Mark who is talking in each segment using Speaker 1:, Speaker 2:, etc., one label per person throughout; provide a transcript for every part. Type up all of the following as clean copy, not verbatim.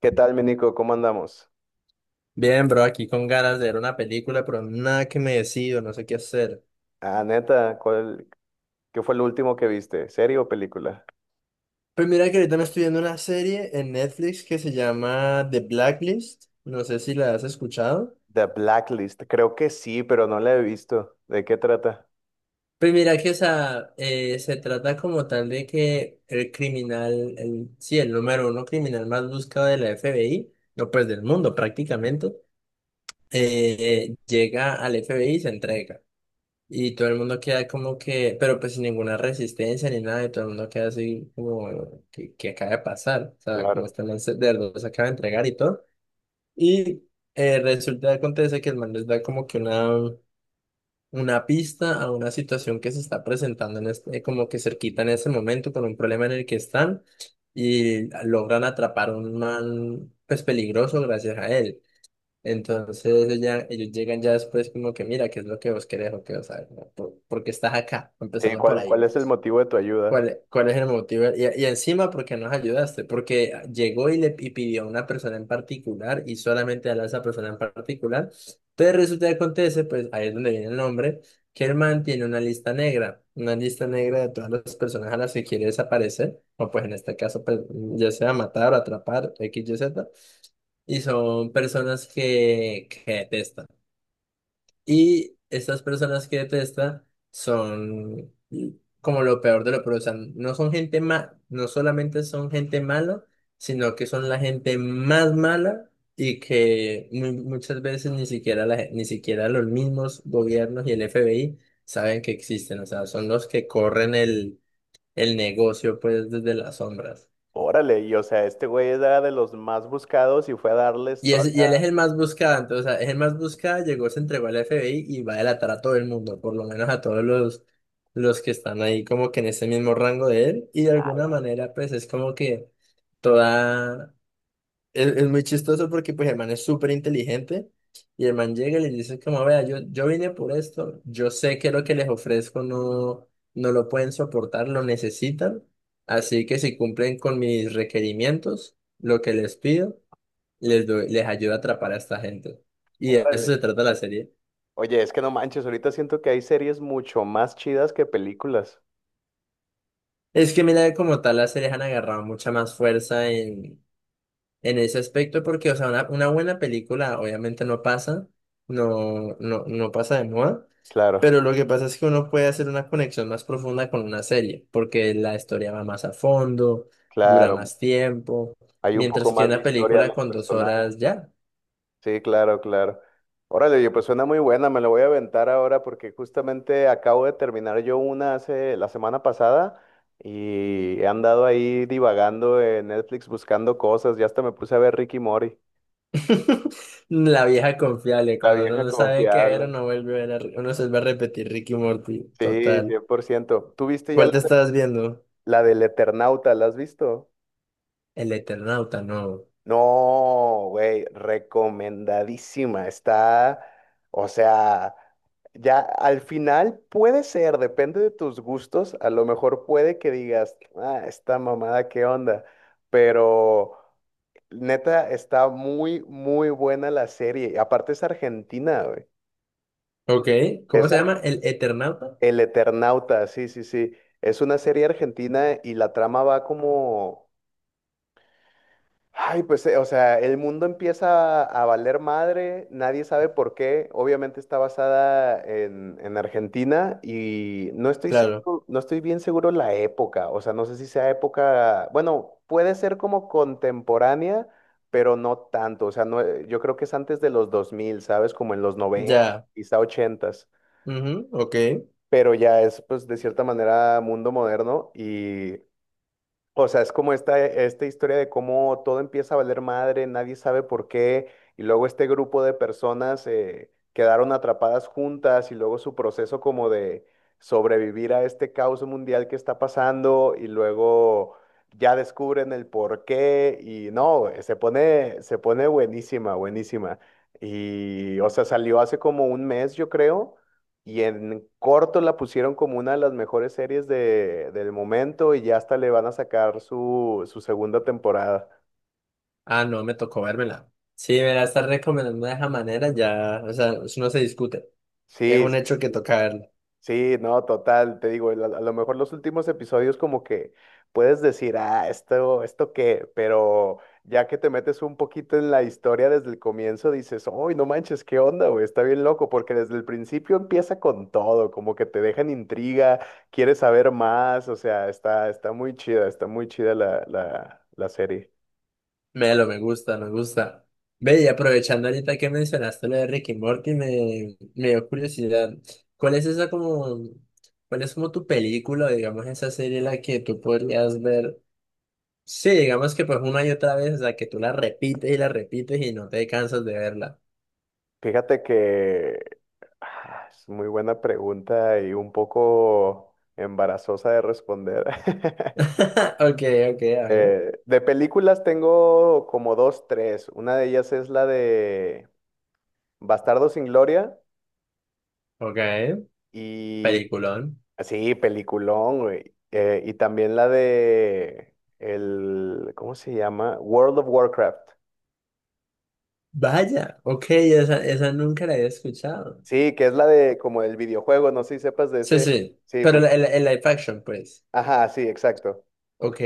Speaker 1: ¿Qué tal, mi Nico? ¿Cómo andamos?
Speaker 2: Bien, bro, aquí con ganas de ver una película, pero nada que me decido, no sé qué hacer.
Speaker 1: Ah, neta, ¿qué fue el último que viste? ¿Serie o película?
Speaker 2: Pues mira que ahorita me estoy viendo una serie en Netflix que se llama The Blacklist, no sé si la has escuchado.
Speaker 1: The Blacklist. Creo que sí, pero no la he visto. ¿De qué trata?
Speaker 2: Pues mira que esa, se trata como tal de que el criminal, el número uno criminal más buscado de la FBI, no pues del mundo prácticamente, llega al FBI y se entrega. Y todo el mundo queda como que, pero pues sin ninguna resistencia ni nada, y todo el mundo queda así como, ¿qué acaba de pasar? O sea, como
Speaker 1: Claro.
Speaker 2: este man se, de verdad se acaba de entregar y todo. Y resulta, acontece que el man les da como que una pista a una situación que se está presentando en este, como que cerquita en ese momento con un problema en el que están y logran atrapar a un man pues peligroso gracias a él. Entonces ellos, ya, ellos llegan ya después como que mira, ¿qué es lo que vos querés o qué vos sabes? ¿No? ¿Por qué estás acá?
Speaker 1: Sí,
Speaker 2: Empezando por ahí.
Speaker 1: ¿cuál es el motivo de tu ayuda?
Speaker 2: ¿Cuál es el motivo? Y encima, ¿por qué nos ayudaste? Porque llegó y le y pidió a una persona en particular y solamente a esa persona en particular. Entonces resulta que acontece, pues ahí es donde viene el nombre, que el man tiene una lista negra de todas las personas a las que quiere desaparecer, o pues en este caso, pues, ya sea matar, atrapar, X, Y, Z. Y son personas que detesta. Y estas personas que detesta son como lo peor de lo peor. O sea, no son gente ma, no solamente son gente mala, sino que son la gente más mala y que mu- muchas veces ni siquiera la, gen- ni siquiera los mismos gobiernos y el FBI saben que existen. O sea, son los que corren el negocio pues desde las sombras.
Speaker 1: Órale, y o sea, este güey era de los más buscados y fue a darles
Speaker 2: Y,
Speaker 1: toda...
Speaker 2: es- y él es el más buscado, entonces, o sea, es el más buscado, llegó, se entregó al FBI y va a delatar a todo el mundo, por lo menos a todos los que están ahí como que en ese mismo rango de él, y de alguna manera pues es como que toda, es muy chistoso porque pues el man es súper inteligente y el man llega y le dice como, vea, yo vine por esto, yo sé que lo que les ofrezco no, no lo pueden soportar, lo necesitan, así que si cumplen con mis requerimientos, lo que les pido les, doy- les ayuda a atrapar a esta gente. Y de eso
Speaker 1: Órale.
Speaker 2: se trata la serie.
Speaker 1: Oye, es que no manches, ahorita siento que hay series mucho más chidas que películas.
Speaker 2: Es que mira, como tal, las series han agarrado mucha más fuerza en ese aspecto, porque, o sea, una buena película obviamente no pasa, no pasa de moda,
Speaker 1: Claro,
Speaker 2: pero lo que pasa es que uno puede hacer una conexión más profunda con una serie, porque la historia va más a fondo, dura
Speaker 1: claro.
Speaker 2: más tiempo,
Speaker 1: Hay un poco
Speaker 2: mientras que
Speaker 1: más de
Speaker 2: una
Speaker 1: historia a
Speaker 2: película
Speaker 1: los
Speaker 2: con dos
Speaker 1: personajes.
Speaker 2: horas ya.
Speaker 1: Sí, claro, claro. Órale, oye, pues suena muy buena, me la voy a aventar ahora porque justamente acabo de terminar yo una hace la semana pasada y he andado ahí divagando en Netflix buscando cosas, ya hasta me puse a ver Ricky Mori,
Speaker 2: La vieja confiable,
Speaker 1: la
Speaker 2: cuando uno
Speaker 1: vieja
Speaker 2: no sabe qué ver,
Speaker 1: confiable.
Speaker 2: uno vuelve a ver, a- uno se va a repetir Ricky y Morty,
Speaker 1: Sí,
Speaker 2: total.
Speaker 1: 100%. ¿Tú viste ya
Speaker 2: ¿Cuál
Speaker 1: la,
Speaker 2: te estás viendo?
Speaker 1: ¿la del Eternauta? ¿La has visto?
Speaker 2: El Eternauta, no.
Speaker 1: No, güey, recomendadísima. Está, o sea, ya al final puede ser, depende de tus gustos, a lo mejor puede que digas, ah, esta mamada, ¿qué onda? Pero neta, está muy, muy buena la serie. Y Aparte es argentina, güey.
Speaker 2: Ok, ¿cómo
Speaker 1: Es
Speaker 2: se
Speaker 1: ar-
Speaker 2: llama? ¿El Eternauta?
Speaker 1: El Eternauta, sí, sí, sí. Es una serie argentina y la trama va como... Ay, pues, o sea, el mundo empieza a valer madre, nadie sabe por qué. Obviamente está basada en Argentina y
Speaker 2: Claro,
Speaker 1: no estoy bien seguro la época. O sea, no sé si sea época, bueno, puede ser como contemporánea, pero no tanto. O sea, no, yo creo que es antes de los 2000, ¿sabes? Como en los noventa
Speaker 2: ya.
Speaker 1: quizá 80.
Speaker 2: Ujú, ok.
Speaker 1: Pero ya es, pues, de cierta manera mundo moderno y o sea, es como esta historia de cómo todo empieza a valer madre, nadie sabe por qué, y luego este grupo de personas quedaron atrapadas juntas y luego su proceso como de sobrevivir a este caos mundial que está pasando y luego ya descubren el por qué y no, se pone buenísima, buenísima. Y, o sea, salió hace como un mes, yo creo. Y en corto la pusieron como una de las mejores series del momento y ya hasta le van a sacar su segunda temporada.
Speaker 2: Ah, no, me tocó vérmela. Sí, me la estás recomendando de esa manera, ya, o sea, eso no se discute. Es
Speaker 1: Sí,
Speaker 2: un hecho que toca verlo.
Speaker 1: Sí, no, total, te digo, a lo mejor los últimos episodios como que puedes decir, ah, esto qué, pero ya que te metes un poquito en la historia desde el comienzo, dices, uy, no manches, qué onda, güey, está bien loco, porque desde el principio empieza con todo, como que te dejan intriga, quieres saber más, o sea, está, está muy chida la serie.
Speaker 2: Melo, me gusta, me gusta. Ve, y aprovechando ahorita que mencionaste lo de Ricky y Morty, me dio curiosidad. ¿Cuál es esa como, cuál es como tu película, digamos, esa serie en la que tú podrías ver? Sí, digamos que pues una y otra vez, o sea, que tú la repites y no te cansas de verla.
Speaker 1: Fíjate que es muy buena pregunta y un poco embarazosa de responder.
Speaker 2: Ok, ok, a ver.
Speaker 1: De películas tengo como dos, tres. Una de ellas es la de Bastardo sin Gloria
Speaker 2: Ok,
Speaker 1: y
Speaker 2: peliculón.
Speaker 1: sí, peliculón, güey. Y también la de ¿cómo se llama? World of Warcraft.
Speaker 2: Vaya, ok, esa nunca la había escuchado.
Speaker 1: Sí, que es la de como el videojuego, no sé si sepas de
Speaker 2: Sí,
Speaker 1: ese.
Speaker 2: sí,
Speaker 1: Sí,
Speaker 2: pero
Speaker 1: pues,
Speaker 2: el, el live action, pues.
Speaker 1: ajá, sí, exacto.
Speaker 2: Ok.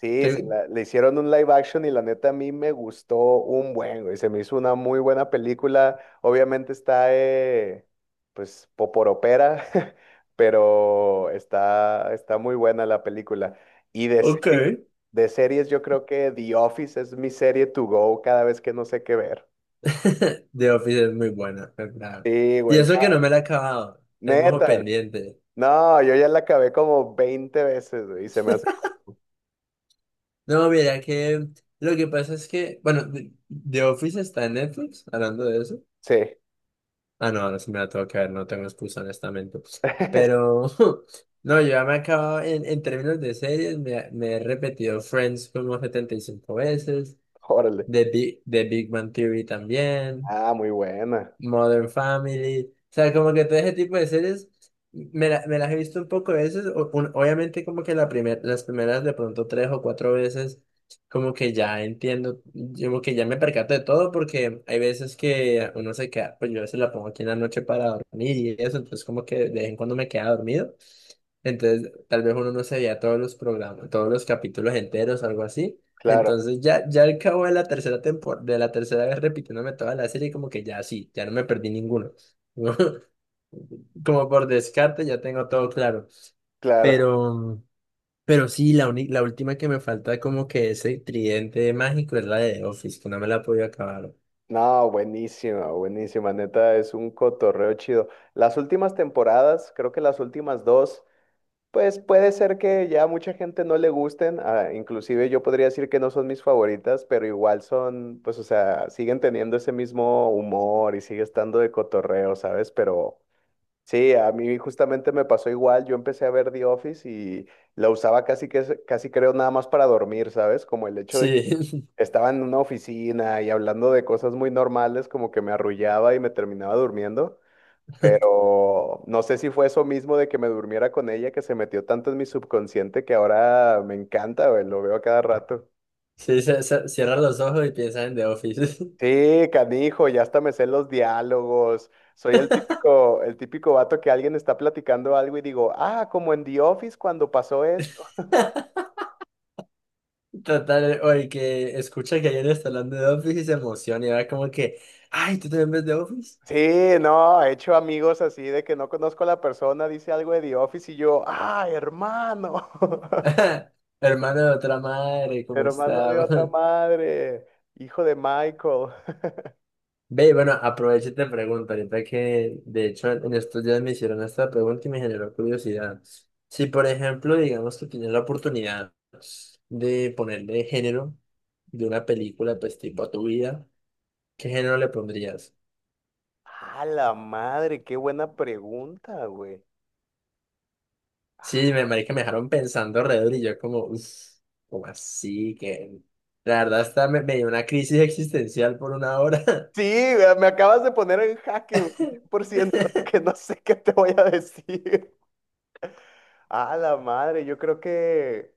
Speaker 1: Sí,
Speaker 2: Te-
Speaker 1: le hicieron un live action y la neta a mí me gustó un buen, güey. Se me hizo una muy buena película. Obviamente está, pues, poporopera, pero está, está muy buena la película. Y de
Speaker 2: Ok.
Speaker 1: serie- de series yo creo que The Office es mi serie to go cada vez que no sé qué ver.
Speaker 2: The Office es muy buena, en verdad.
Speaker 1: Sí,
Speaker 2: Y
Speaker 1: güey,
Speaker 2: eso que
Speaker 1: no,
Speaker 2: no me la he acabado, tengo ojo
Speaker 1: neta.
Speaker 2: pendiente.
Speaker 1: No, yo ya la acabé como 20 veces, güey, y se me hace...
Speaker 2: No, mira que lo que pasa es que, bueno, The Office está en Netflix, hablando de eso.
Speaker 1: Sí,
Speaker 2: Ah, no, ahora sí me la tengo que ver, no tengo excusa, honestamente. Pero, no, yo ya me he acabado, en términos de series, me he repetido Friends como 75 veces,
Speaker 1: órale.
Speaker 2: The Big Bang Theory también.
Speaker 1: Ah, muy buena.
Speaker 2: Modern Family. O sea, como que todo ese tipo de series me, la- me las he visto un poco de veces. O- un- obviamente como que la primer, las primeras de pronto tres o cuatro veces, como que ya entiendo, yo como que ya me percato de todo porque hay veces que uno se queda, pues yo a veces la pongo aquí en la noche para dormir y eso, entonces como que de vez en cuando me queda dormido. Entonces, tal vez uno no se veía todos los programas, todos los capítulos enteros, algo así.
Speaker 1: Claro,
Speaker 2: Entonces ya al cabo de la tercera temporada, de la tercera vez repitiéndome toda la serie, como que ya sí, ya no me perdí ninguno. Como por descarte ya tengo todo claro.
Speaker 1: claro.
Speaker 2: Pero, pero sí, la, uni- la última que me falta como que ese tridente mágico es la de The Office, que no me la he podido acabar.
Speaker 1: No, buenísima, buenísima, neta, es un cotorreo chido. Las últimas temporadas, creo que las últimas dos, pues puede ser que ya mucha gente no le gusten, ah, inclusive yo podría decir que no son mis favoritas, pero igual son, pues o sea, siguen teniendo ese mismo humor y sigue estando de cotorreo, ¿sabes? Pero sí, a mí justamente me pasó igual, yo empecé a ver The Office y la usaba casi que, casi creo nada más para dormir, ¿sabes? Como el hecho de que
Speaker 2: Sí,
Speaker 1: estaba en una oficina y hablando de cosas muy normales, como que me arrullaba y me terminaba durmiendo, pero no sé si fue eso mismo de que me durmiera con ella que se metió tanto en mi subconsciente que ahora me encanta, güey, lo veo a cada rato.
Speaker 2: sí, se- se- cierra los ojos y piensa en The Office.
Speaker 1: Sí, canijo, ya hasta me sé los diálogos. Soy el típico vato que alguien está platicando algo y digo, ah, como en The Office cuando pasó esto.
Speaker 2: Total, o el que escucha que alguien está hablando de The Office y se emociona y va como que, ay, ¿tú también ves The Office?
Speaker 1: Sí, no, he hecho amigos así de que no conozco a la persona, dice algo de The Office y yo, ah, hermano.
Speaker 2: Hermano de otra madre, ¿cómo
Speaker 1: Hermano de
Speaker 2: está?
Speaker 1: otra madre, hijo de Michael.
Speaker 2: Ve, bueno, aprovecho y te pregunto, ahorita que de hecho en estos días me hicieron esta pregunta y me generó curiosidad. Si por ejemplo, digamos que tienes la oportunidad de ponerle género de una película, pues tipo a tu vida, ¿qué género le pondrías?
Speaker 1: A la madre, qué buena pregunta, güey.
Speaker 2: Sí, me marica, me dejaron pensando alrededor y yo como, uff, como así que... La verdad hasta me, me dio una crisis existencial por una hora.
Speaker 1: Sí, me acabas de poner en jaque, güey, 100% que no sé qué te voy a decir. A la madre, yo creo que...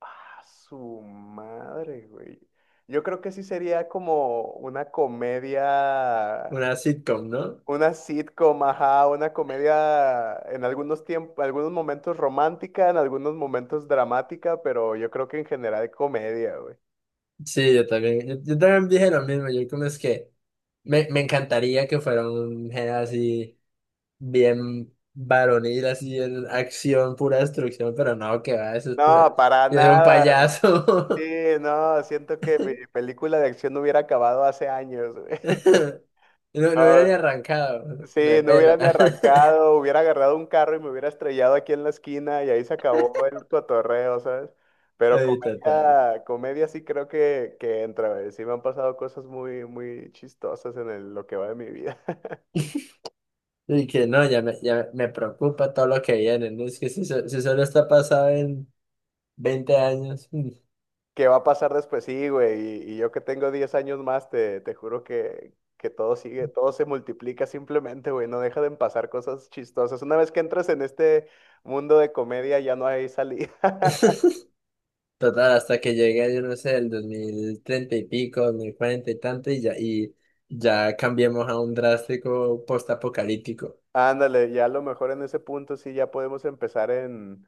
Speaker 1: A su madre, güey. Yo creo que sí sería como una comedia.
Speaker 2: Una sitcom, ¿no?
Speaker 1: Una sitcom, ajá, una comedia en algunos tiempos, algunos momentos romántica, en algunos momentos dramática, pero yo creo que en general comedia, güey.
Speaker 2: Sí, yo también, yo también dije lo mismo, yo como es que me encantaría que fuera un género así bien varonil, así en acción, pura destrucción, pero no, que va, eso es pura,
Speaker 1: No, para
Speaker 2: yo soy un
Speaker 1: nada. Sí,
Speaker 2: payaso.
Speaker 1: no, siento que mi película de acción hubiera acabado hace años, güey.
Speaker 2: No, no hubiera
Speaker 1: No,
Speaker 2: ni arrancado,
Speaker 1: Sí,
Speaker 2: me
Speaker 1: no hubiera
Speaker 2: pelan.
Speaker 1: ni arrancado, hubiera agarrado un carro y me hubiera estrellado aquí en la esquina y ahí se acabó el cotorreo, ¿sabes? Pero
Speaker 2: Ay, total.
Speaker 1: comedia sí creo que entra, güey. Sí me han pasado cosas muy, muy chistosas en lo que va de mi vida.
Speaker 2: Y que no, ya me preocupa todo lo que viene, ¿no? Es que si, so- si solo está pasado en 20 años.
Speaker 1: ¿Qué va a pasar después? Sí, güey. Y yo que tengo 10 años más, te juro que todo sigue, todo se multiplica simplemente, güey. No deja de pasar cosas chistosas. Una vez que entras en este mundo de comedia, ya no hay salida.
Speaker 2: Total, hasta que llegue, yo no sé, el 2030 y pico, 2040 y tanto, y ya cambiemos a un drástico postapocalíptico.
Speaker 1: Ándale, ya a lo mejor en ese punto sí ya podemos empezar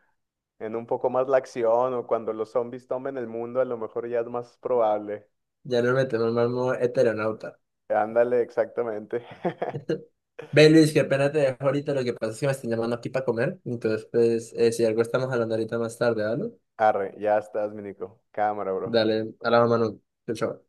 Speaker 1: en un poco más la acción o cuando los zombies tomen el mundo, a lo mejor ya es más probable.
Speaker 2: Ya nos metemos más modo heteronauta.
Speaker 1: Ándale, exactamente.
Speaker 2: Ve, Luis, qué pena te dejo ahorita. Lo que pasa es que me están llamando aquí para comer. Entonces, pues, si algo estamos hablando ahorita más tarde, ¿vale?
Speaker 1: Arre, ya estás, mi Nico. Cámara, bro.
Speaker 2: Dale, a la mano. Chao, chao.